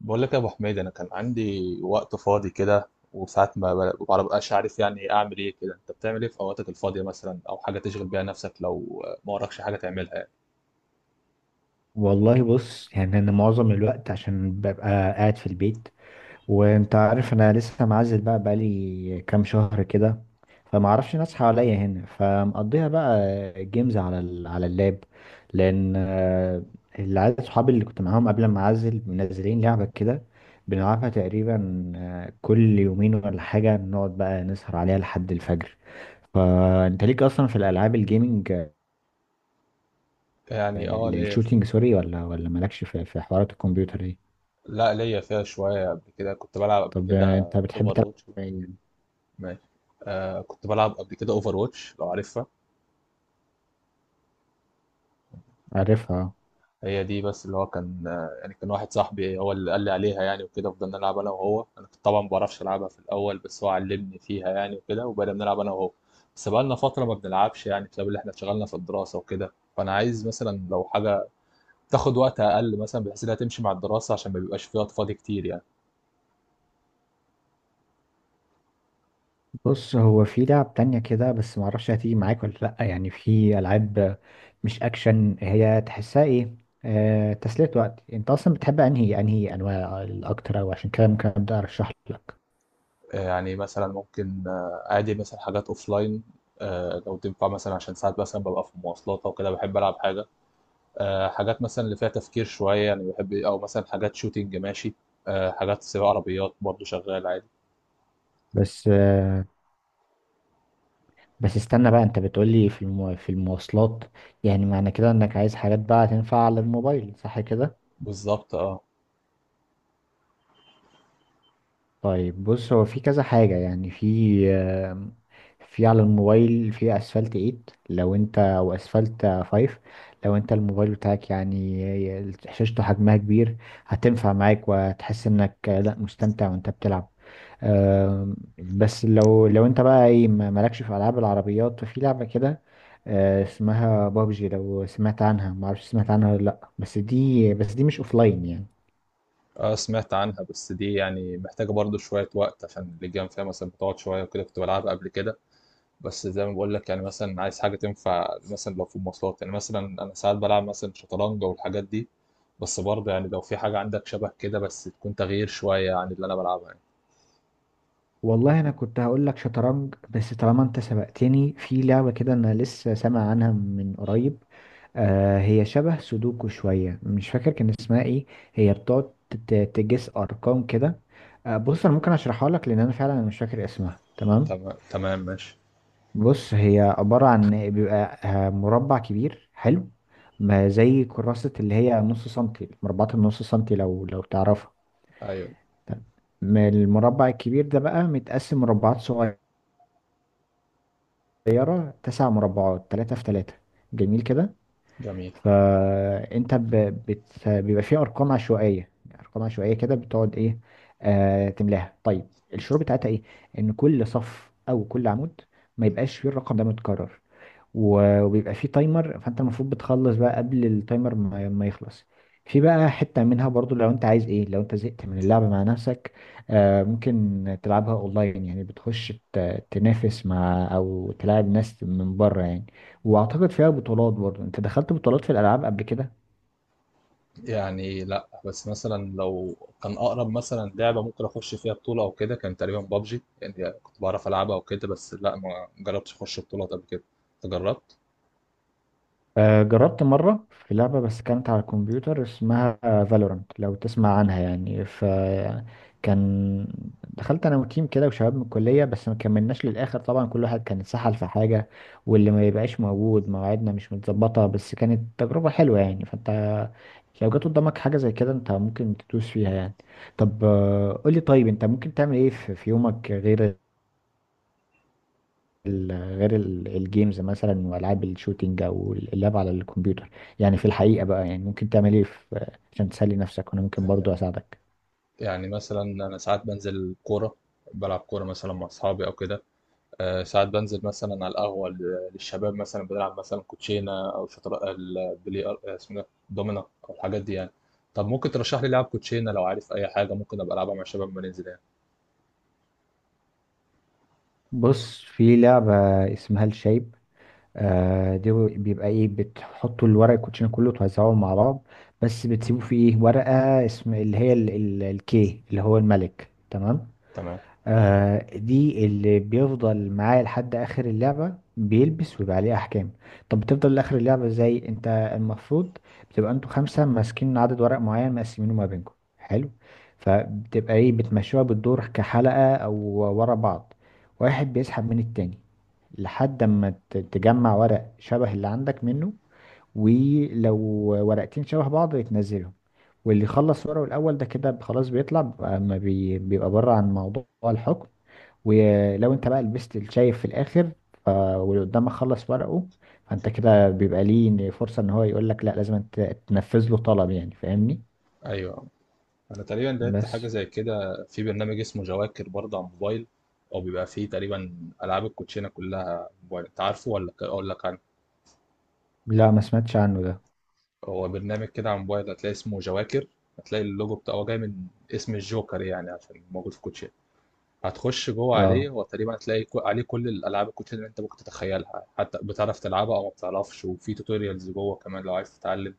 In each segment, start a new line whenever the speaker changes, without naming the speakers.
بقول لك يا ابو حميد، انا كان عندي وقت فاضي كده، وساعات ما ببقاش عارف يعني إيه اعمل ايه كده. انت بتعمل ايه في اوقاتك الفاضيه مثلا، او حاجه تشغل بيها نفسك لو ما وراكش حاجه تعملها يعني؟
والله بص يعني انا معظم الوقت عشان ببقى قاعد في البيت، وانت عارف انا لسه معزل بقى بقالي كام شهر كده. فما اعرفش ناس حواليا هنا، فمقضيها بقى جيمز على اللاب، لان العيال صحابي اللي كنت معاهم قبل ما اعزل منزلين لعبة كده، بنلعبها تقريبا كل يومين ولا حاجة، نقعد بقى نسهر عليها لحد الفجر. فانت ليك اصلا في الالعاب الجيمنج
يعني اه ليا شويه.
الشوتينج سوري، ولا مالكش في حوارات الكمبيوتر دي؟
لا ليا فيها شويه، قبل كده كنت بلعب قبل
طب
كده
انت بتحب
اوفر
تلعب
واتش.
إيه؟
ماشي. آه كنت بلعب قبل كده اوفر واتش لو عارفها.
عارفها.
هي دي بس اللي هو كان، يعني كان واحد صاحبي هو اللي قال لي عليها يعني وكده، فضلنا نلعب انا وهو. انا كنت طبعا ما بعرفش العبها في الاول، بس هو علمني فيها يعني وكده، وبقينا بنلعب انا وهو. بس بقالنا فتره ما بنلعبش يعني، بسبب اللي احنا اتشغلنا في الدراسه وكده. فانا عايز مثلا لو حاجه تاخد وقت اقل مثلا، بحيث انها تمشي مع الدراسه، عشان ما بيبقاش في وقت فاضي كتير يعني.
بص هو في لعب تانية كده، بس معرفش هتيجي معاك ولا لأ، يعني في ألعاب مش أكشن، هي تحسها إيه؟ آه، تسلية وقت. أنت أصلا بتحب أنهي أنواع الأكتر؟ أو عشان كده ممكن أبدأ أرشح لك.
يعني مثلا ممكن، عادي مثلا حاجات اوفلاين. لو تنفع مثلا، عشان ساعات مثلا ببقى في مواصلات او كده بحب العب حاجه. حاجات مثلا اللي فيها تفكير شوية يعني بحب، أو مثلا حاجات شوتينج ماشي. حاجات سباق عربيات برضو شغال عادي.
بس آه بس استنى بقى، أنت بتقولي في المواصلات، يعني معنى كده إنك عايز حاجات بقى تنفع على الموبايل، صح كده؟
بالظبط اه.
طيب بص هو في كذا حاجة، يعني في على الموبايل، في اسفلت 8 لو انت، او اسفلت 5 لو انت الموبايل بتاعك يعني شاشته حجمها كبير، هتنفع معاك وهتحس انك لا، مستمتع وانت بتلعب. بس لو انت بقى ايه، مالكش في العاب العربيات، ففي لعبة كده اسمها بابجي، لو سمعت عنها، معرفش سمعت عنها ولا لا، بس دي مش اوفلاين يعني.
اه سمعت عنها، بس دي يعني محتاجة برضو شوية وقت، عشان اللجام فيها مثلا بتقعد شوية وكده، كنت بلعبها قبل كده. بس زي ما بقول لك يعني، مثلا عايز حاجة تنفع مثلا لو في مواصلات يعني، مثلا أنا ساعات بلعب مثلا شطرنج والحاجات دي. بس برضه يعني لو في حاجة عندك شبه كده، بس تكون تغيير شوية عن اللي أنا بلعبها يعني.
والله انا كنت هقول لك شطرنج، بس طالما انت سبقتني في لعبة كده، انا لسه سامع عنها من قريب. هي شبه سودوكو شوية، مش فاكر كان اسمها ايه. هي بتقعد تجس ارقام كده. بص انا ممكن اشرحها لك، لان انا فعلا مش فاكر اسمها. تمام؟
تمام تمام ماشي.
بص هي عبارة عن، بيبقى مربع كبير، حلو؟ ما زي كراسة اللي هي نص سنتي، مربعات النص سنتي، لو تعرفها.
أيوه.
تمام. المربع الكبير ده بقى متقسم مربعات صغيرة صغيرة، تسع مربعات، تلاتة في تلاتة. جميل كده.
جميل.
فأنت ب... بيبقى فيه أرقام عشوائية كده. بتقعد إيه؟ تملاها. طيب الشروط بتاعتها إيه؟ إن كل صف أو كل عمود ما يبقاش فيه الرقم ده متكرر. و- وبيبقى فيه تايمر، فانت المفروض بتخلص بقى قبل التايمر ما يخلص. في بقى حتة منها برضو، لو انت عايز ايه، لو انت زهقت من اللعب مع نفسك، ممكن تلعبها اونلاين، يعني بتخش تنافس مع، او تلاعب ناس من بره يعني. واعتقد فيها بطولات برضو. انت دخلت بطولات في الالعاب قبل كده؟
يعني لأ، بس مثلًا لو كان أقرب مثلًا لعبة ممكن أخُش فيها بطولة أو كده، كان تقريبًا PUBG، يعني كنت باعرف ألعبها وكده، بس لأ، ما جرّبتش أخُش بطولات قبل كده. أنت جرّبت؟
جربت مرة في لعبة، بس كانت على الكمبيوتر، اسمها فالورانت لو تسمع عنها يعني، فكان دخلت انا وتيم كده وشباب من الكلية، بس ما كملناش للآخر طبعا. كل واحد كان اتسحل في حاجة، واللي ما يبقاش موجود، مواعيدنا مش متظبطة. بس كانت تجربة حلوة يعني، فانت لو جت قدامك حاجة زي كده، انت ممكن تدوس فيها يعني. طب قولي، طيب انت ممكن تعمل ايه في يومك، غير ال- غير ال- الجيمز مثلا والعاب الشوتينج او اللعب على الكمبيوتر؟ يعني في الحقيقه بقى، يعني ممكن تعمل ايه عشان تسلي نفسك، وانا ممكن برضو اساعدك.
يعني مثلًا أنا ساعات بانزل كورة، بالعب كورة مثلًا مع أصحابي أو كده. ساعات بانزل مثلًا على القهوة للشباب مثلًا بنلعب مثلًا كوتشينة أو شطر البلي اسمه ده، دومنا أو الحاجات دي يعني. طَب ممكن ترشّح لي لعب كوتشينة لو عارف أي حاجة ممكن أبقى ألعبها مع الشباب أمّا ننزل يعني؟
بص في لعبه اسمها الشايب. دي بيبقى ايه، بتحطوا الورق، الكوتشينه كله توزعوه مع بعض، بس بتسيبوا فيه ايه، ورقه اسم اللي هي الكي اللي هو الملك. تمام؟
تمام.
دي اللي بيفضل معاه لحد اخر اللعبة، بيلبس ويبقى عليه احكام. طب بتفضل لاخر اللعبة ازاي انت؟ المفروض بتبقى انتوا خمسة ماسكين عدد ورق معين مقسمينه ما بينكم، حلو؟ فبتبقى ايه، بتمشوها بالدور كحلقة، او ورا بعض، واحد بيسحب من التاني لحد ما تجمع ورق شبه اللي عندك منه. ولو ورقتين شبه بعض يتنزلهم، واللي يخلص ورقه الأول ده كده خلاص، بيطلع بقى- ما بي- بيبقى بره عن موضوع الحكم. ولو انت بقى لبست الشايف في الآخر واللي قدامك خلص ورقه، فانت كده بيبقى ليه فرصة ان هو يقول لك لا، لازم تنفذ له طلب يعني، فاهمني؟
أيوه. انا تقريبا لعبت حاجه
بس
زي كده في برنامج اسمه جواكر برضه على الموبايل، او بيبقى فيه تقريبا العاب الكوتشينه كلها موبايل. انت عارفه ولا اقول لك عنه؟
لا، ما سمعتش عنه ده.
هو برنامج كده على الموبايل، هتلاقي اسمه جواكر. هتلاقي اللوجو بتاعه هو جاي من اسم الجوكر يعني، عشان موجود في الكوتشينه. هتخش جوه عليه،
اه
هو تقريبا هتلاقي عليه كل الالعاب الكوتشينه اللي انت ممكن تتخيلها، حتى بتعرف تلعبها او ما بتعرفش، وفي توتوريالز جوه كمان لو عايز تتعلم.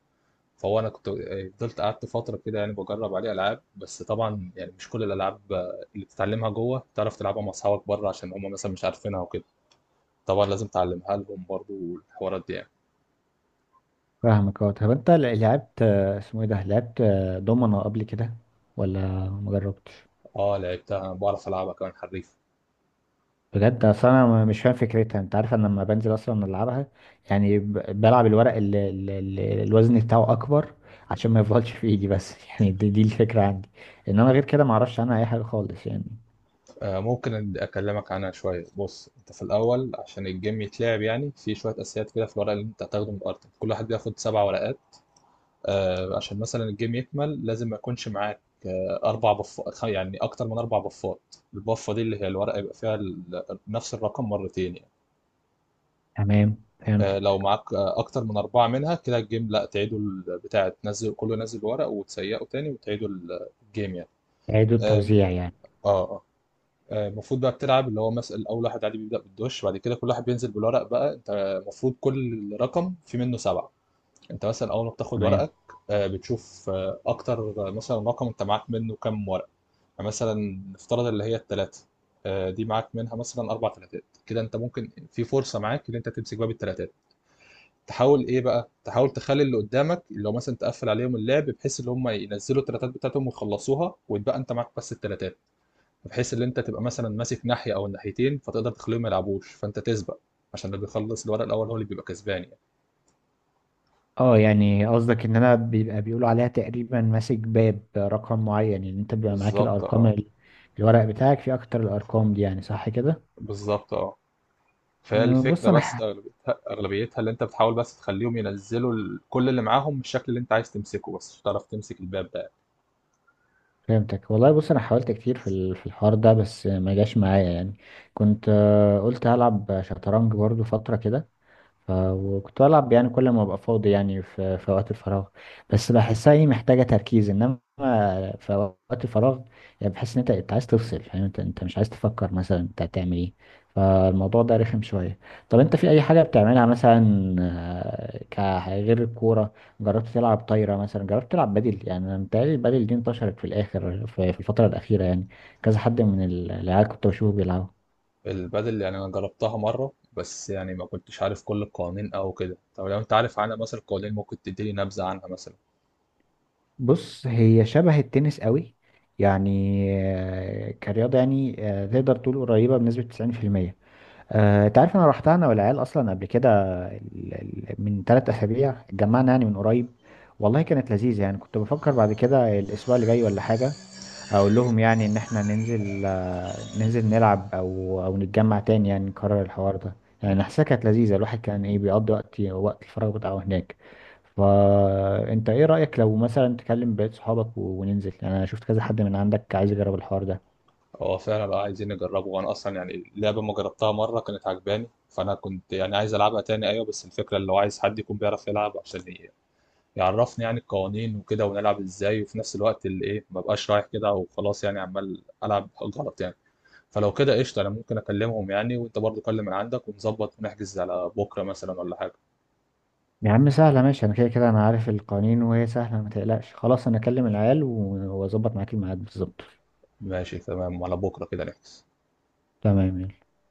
فهو انا كنت فضلت قعدت فتره كده يعني بجرب عليه العاب، بس طبعا يعني مش كل الالعاب اللي بتتعلمها جوه تعرف تلعبها مع اصحابك بره، عشان هم مثلا مش عارفينها وكده. طبعا لازم تعلمها لهم برضو والحوارات دي يعني.
فاهمك. اه طب انت لعبت آه، اسمه ايه ده لعبت آه، دومنة قبل كده ولا مجربتش؟
اه لعبتها، بعرف العبها كمان حريف.
بجد؟ اصل انا مش فاهم فكرتها. انت عارف انا لما بنزل اصلا العبها يعني، بلعب الورق اللي الوزن بتاعه اكبر عشان ما يفضلش في ايدي بس يعني، دي الفكره عندي، انما غير كده ما اعرفش عنها اي حاجه خالص يعني.
آه ممكن اكلمك عنها شويه. بص انت في الاول، عشان الجيم يتلعب يعني في شويه اساسيات كده، في الورق اللي انت هتاخده من الارض، كل واحد بياخد سبع ورقات. عشان مثلا الجيم يكمل، لازم ما يكونش معاك اربع بف، يعني اكتر من اربع بفات. البفه دي اللي هي الورقه يبقى فيها نفس الرقم مرتين يعني.
تمام فهمت.
لو معاك اكتر من اربعه منها كده، الجيم لا تعيدوا البتاع تنزل، كله ينزل ورق وتسيقه تاني، وتعيدوا الجيم يعني.
اعادة
اه
توزيع يعني.
اه. آه، المفروض بقى بتلعب اللي هو مثلا اول واحد عادي بيبدا بالدوش، بعد كده كل واحد بينزل بالورق بقى. انت المفروض كل رقم في منه سبعه. انت مثلا اول ما بتاخد
تمام.
ورقك بتشوف اكتر مثلا رقم انت معاك منه كام ورقه يعني. مثلا نفترض اللي هي الثلاثه، دي معاك منها مثلا اربع ثلاثات كده، انت ممكن في فرصه معاك ان انت تمسك باب الثلاثات. تحاول ايه بقى، تحاول تخلي اللي قدامك اللي هو مثلا تقفل عليهم اللعب، بحيث ان هم ينزلوا الثلاثات بتاعتهم ويخلصوها، ويتبقى انت معاك بس الثلاثات. بحيث ان انت تبقى مثلا ماسك ناحيه او الناحيتين، فتقدر تخليهم ما يلعبوش، فانت تسبق، عشان اللي بيخلص الورق الاول هو اللي بيبقى كسبان يعني.
اه يعني قصدك ان انا بيبقى بيقولوا عليها تقريبا ماسك باب رقم معين، يعني انت بيبقى معاك
بالظبط
الارقام
اه.
الورق بتاعك فيه اكتر الارقام دي يعني، صح كده؟
بالظبط اه.
بص
فالفكرة
انا
بس أغلبيتها اللي أنت بتحاول بس تخليهم ينزلوا كل اللي معاهم بالشكل اللي أنت عايز تمسكه، بس مش هتعرف تمسك الباب ده.
فهمتك. والله بص انا حاولت كتير في الحوار ده بس ما جاش معايا يعني. كنت قلت هلعب شطرنج برضو فترة كده، وكنت بلعب يعني كل ما ابقى فاضي، يعني في وقت الفراغ، بس بحسها ايه، محتاجة تركيز، انما في وقت الفراغ يعني بحس ان انت، انت عايز تفصل، فاهم؟ انت مش عايز تفكر مثلا انت هتعمل ايه، فالموضوع ده رخم شوية. طب انت في اي حاجة بتعملها مثلا، آه، ك غير الكورة؟ جربت تلعب طايرة مثلا؟ جربت تلعب بدل؟ يعني انا متهيألي البدل دي انتشرت في الاخر في الفترة الأخيرة يعني، كذا حد من العيال كنت بشوفه بيلعبوا.
البدل يعني أنا جربتها مرة، بس يعني ما كنتش عارف كل القوانين أو كده. طب لو أنت عارف عنها مثلا القوانين، ممكن تديني نبذة عنها مثلا؟
بص هي شبه التنس قوي يعني، كرياضة، يعني تقدر تقول قريبة بنسبة 90%. انت عارف انا رحتها انا والعيال اصلا قبل كده، من 3 اسابيع اتجمعنا يعني، من قريب. والله كانت لذيذه يعني، كنت بفكر بعد كده الاسبوع اللي جاي ولا حاجه اقول لهم يعني ان احنا ننزل، ننزل نلعب، او نتجمع تاني يعني، نكرر الحوار ده، يعني حاسسها كانت لذيذه. الواحد كان ايه، بيقضي وقت الفراغ بتاعه هناك. فانت ايه رايك لو مثلا تكلم بقية صحابك و- وننزل، يعني انا شفت كذا حد من عندك عايز يجرب الحوار ده.
هو فعلا بقى عايزين نجربه، وأنا أصلا يعني اللعبة ما جربتها مرة كانت عجباني، فأنا كنت يعني عايز ألعبها تاني. أيوة بس الفكرة اللي هو عايز حد يكون بيعرف يلعب، عشان يعرفني يعني القوانين وكده ونلعب ازاي، وفي نفس الوقت اللي ايه ما بقاش رايح كده وخلاص يعني عمال العب غلط يعني. فلو كده قشطه، انا ممكن اكلمهم يعني، وانت برضو كلم من عندك، ونظبط ونحجز على بكره مثلا ولا حاجه.
يا عم سهلة ماشي، أنا كده كده أنا عارف القوانين وهي سهلة، ما تقلقش، خلاص أنا أكلم العيال و- وأظبط معاك الميعاد بالظبط.
ماشي تمام، على بكره كده نحجز.
تمام يلا.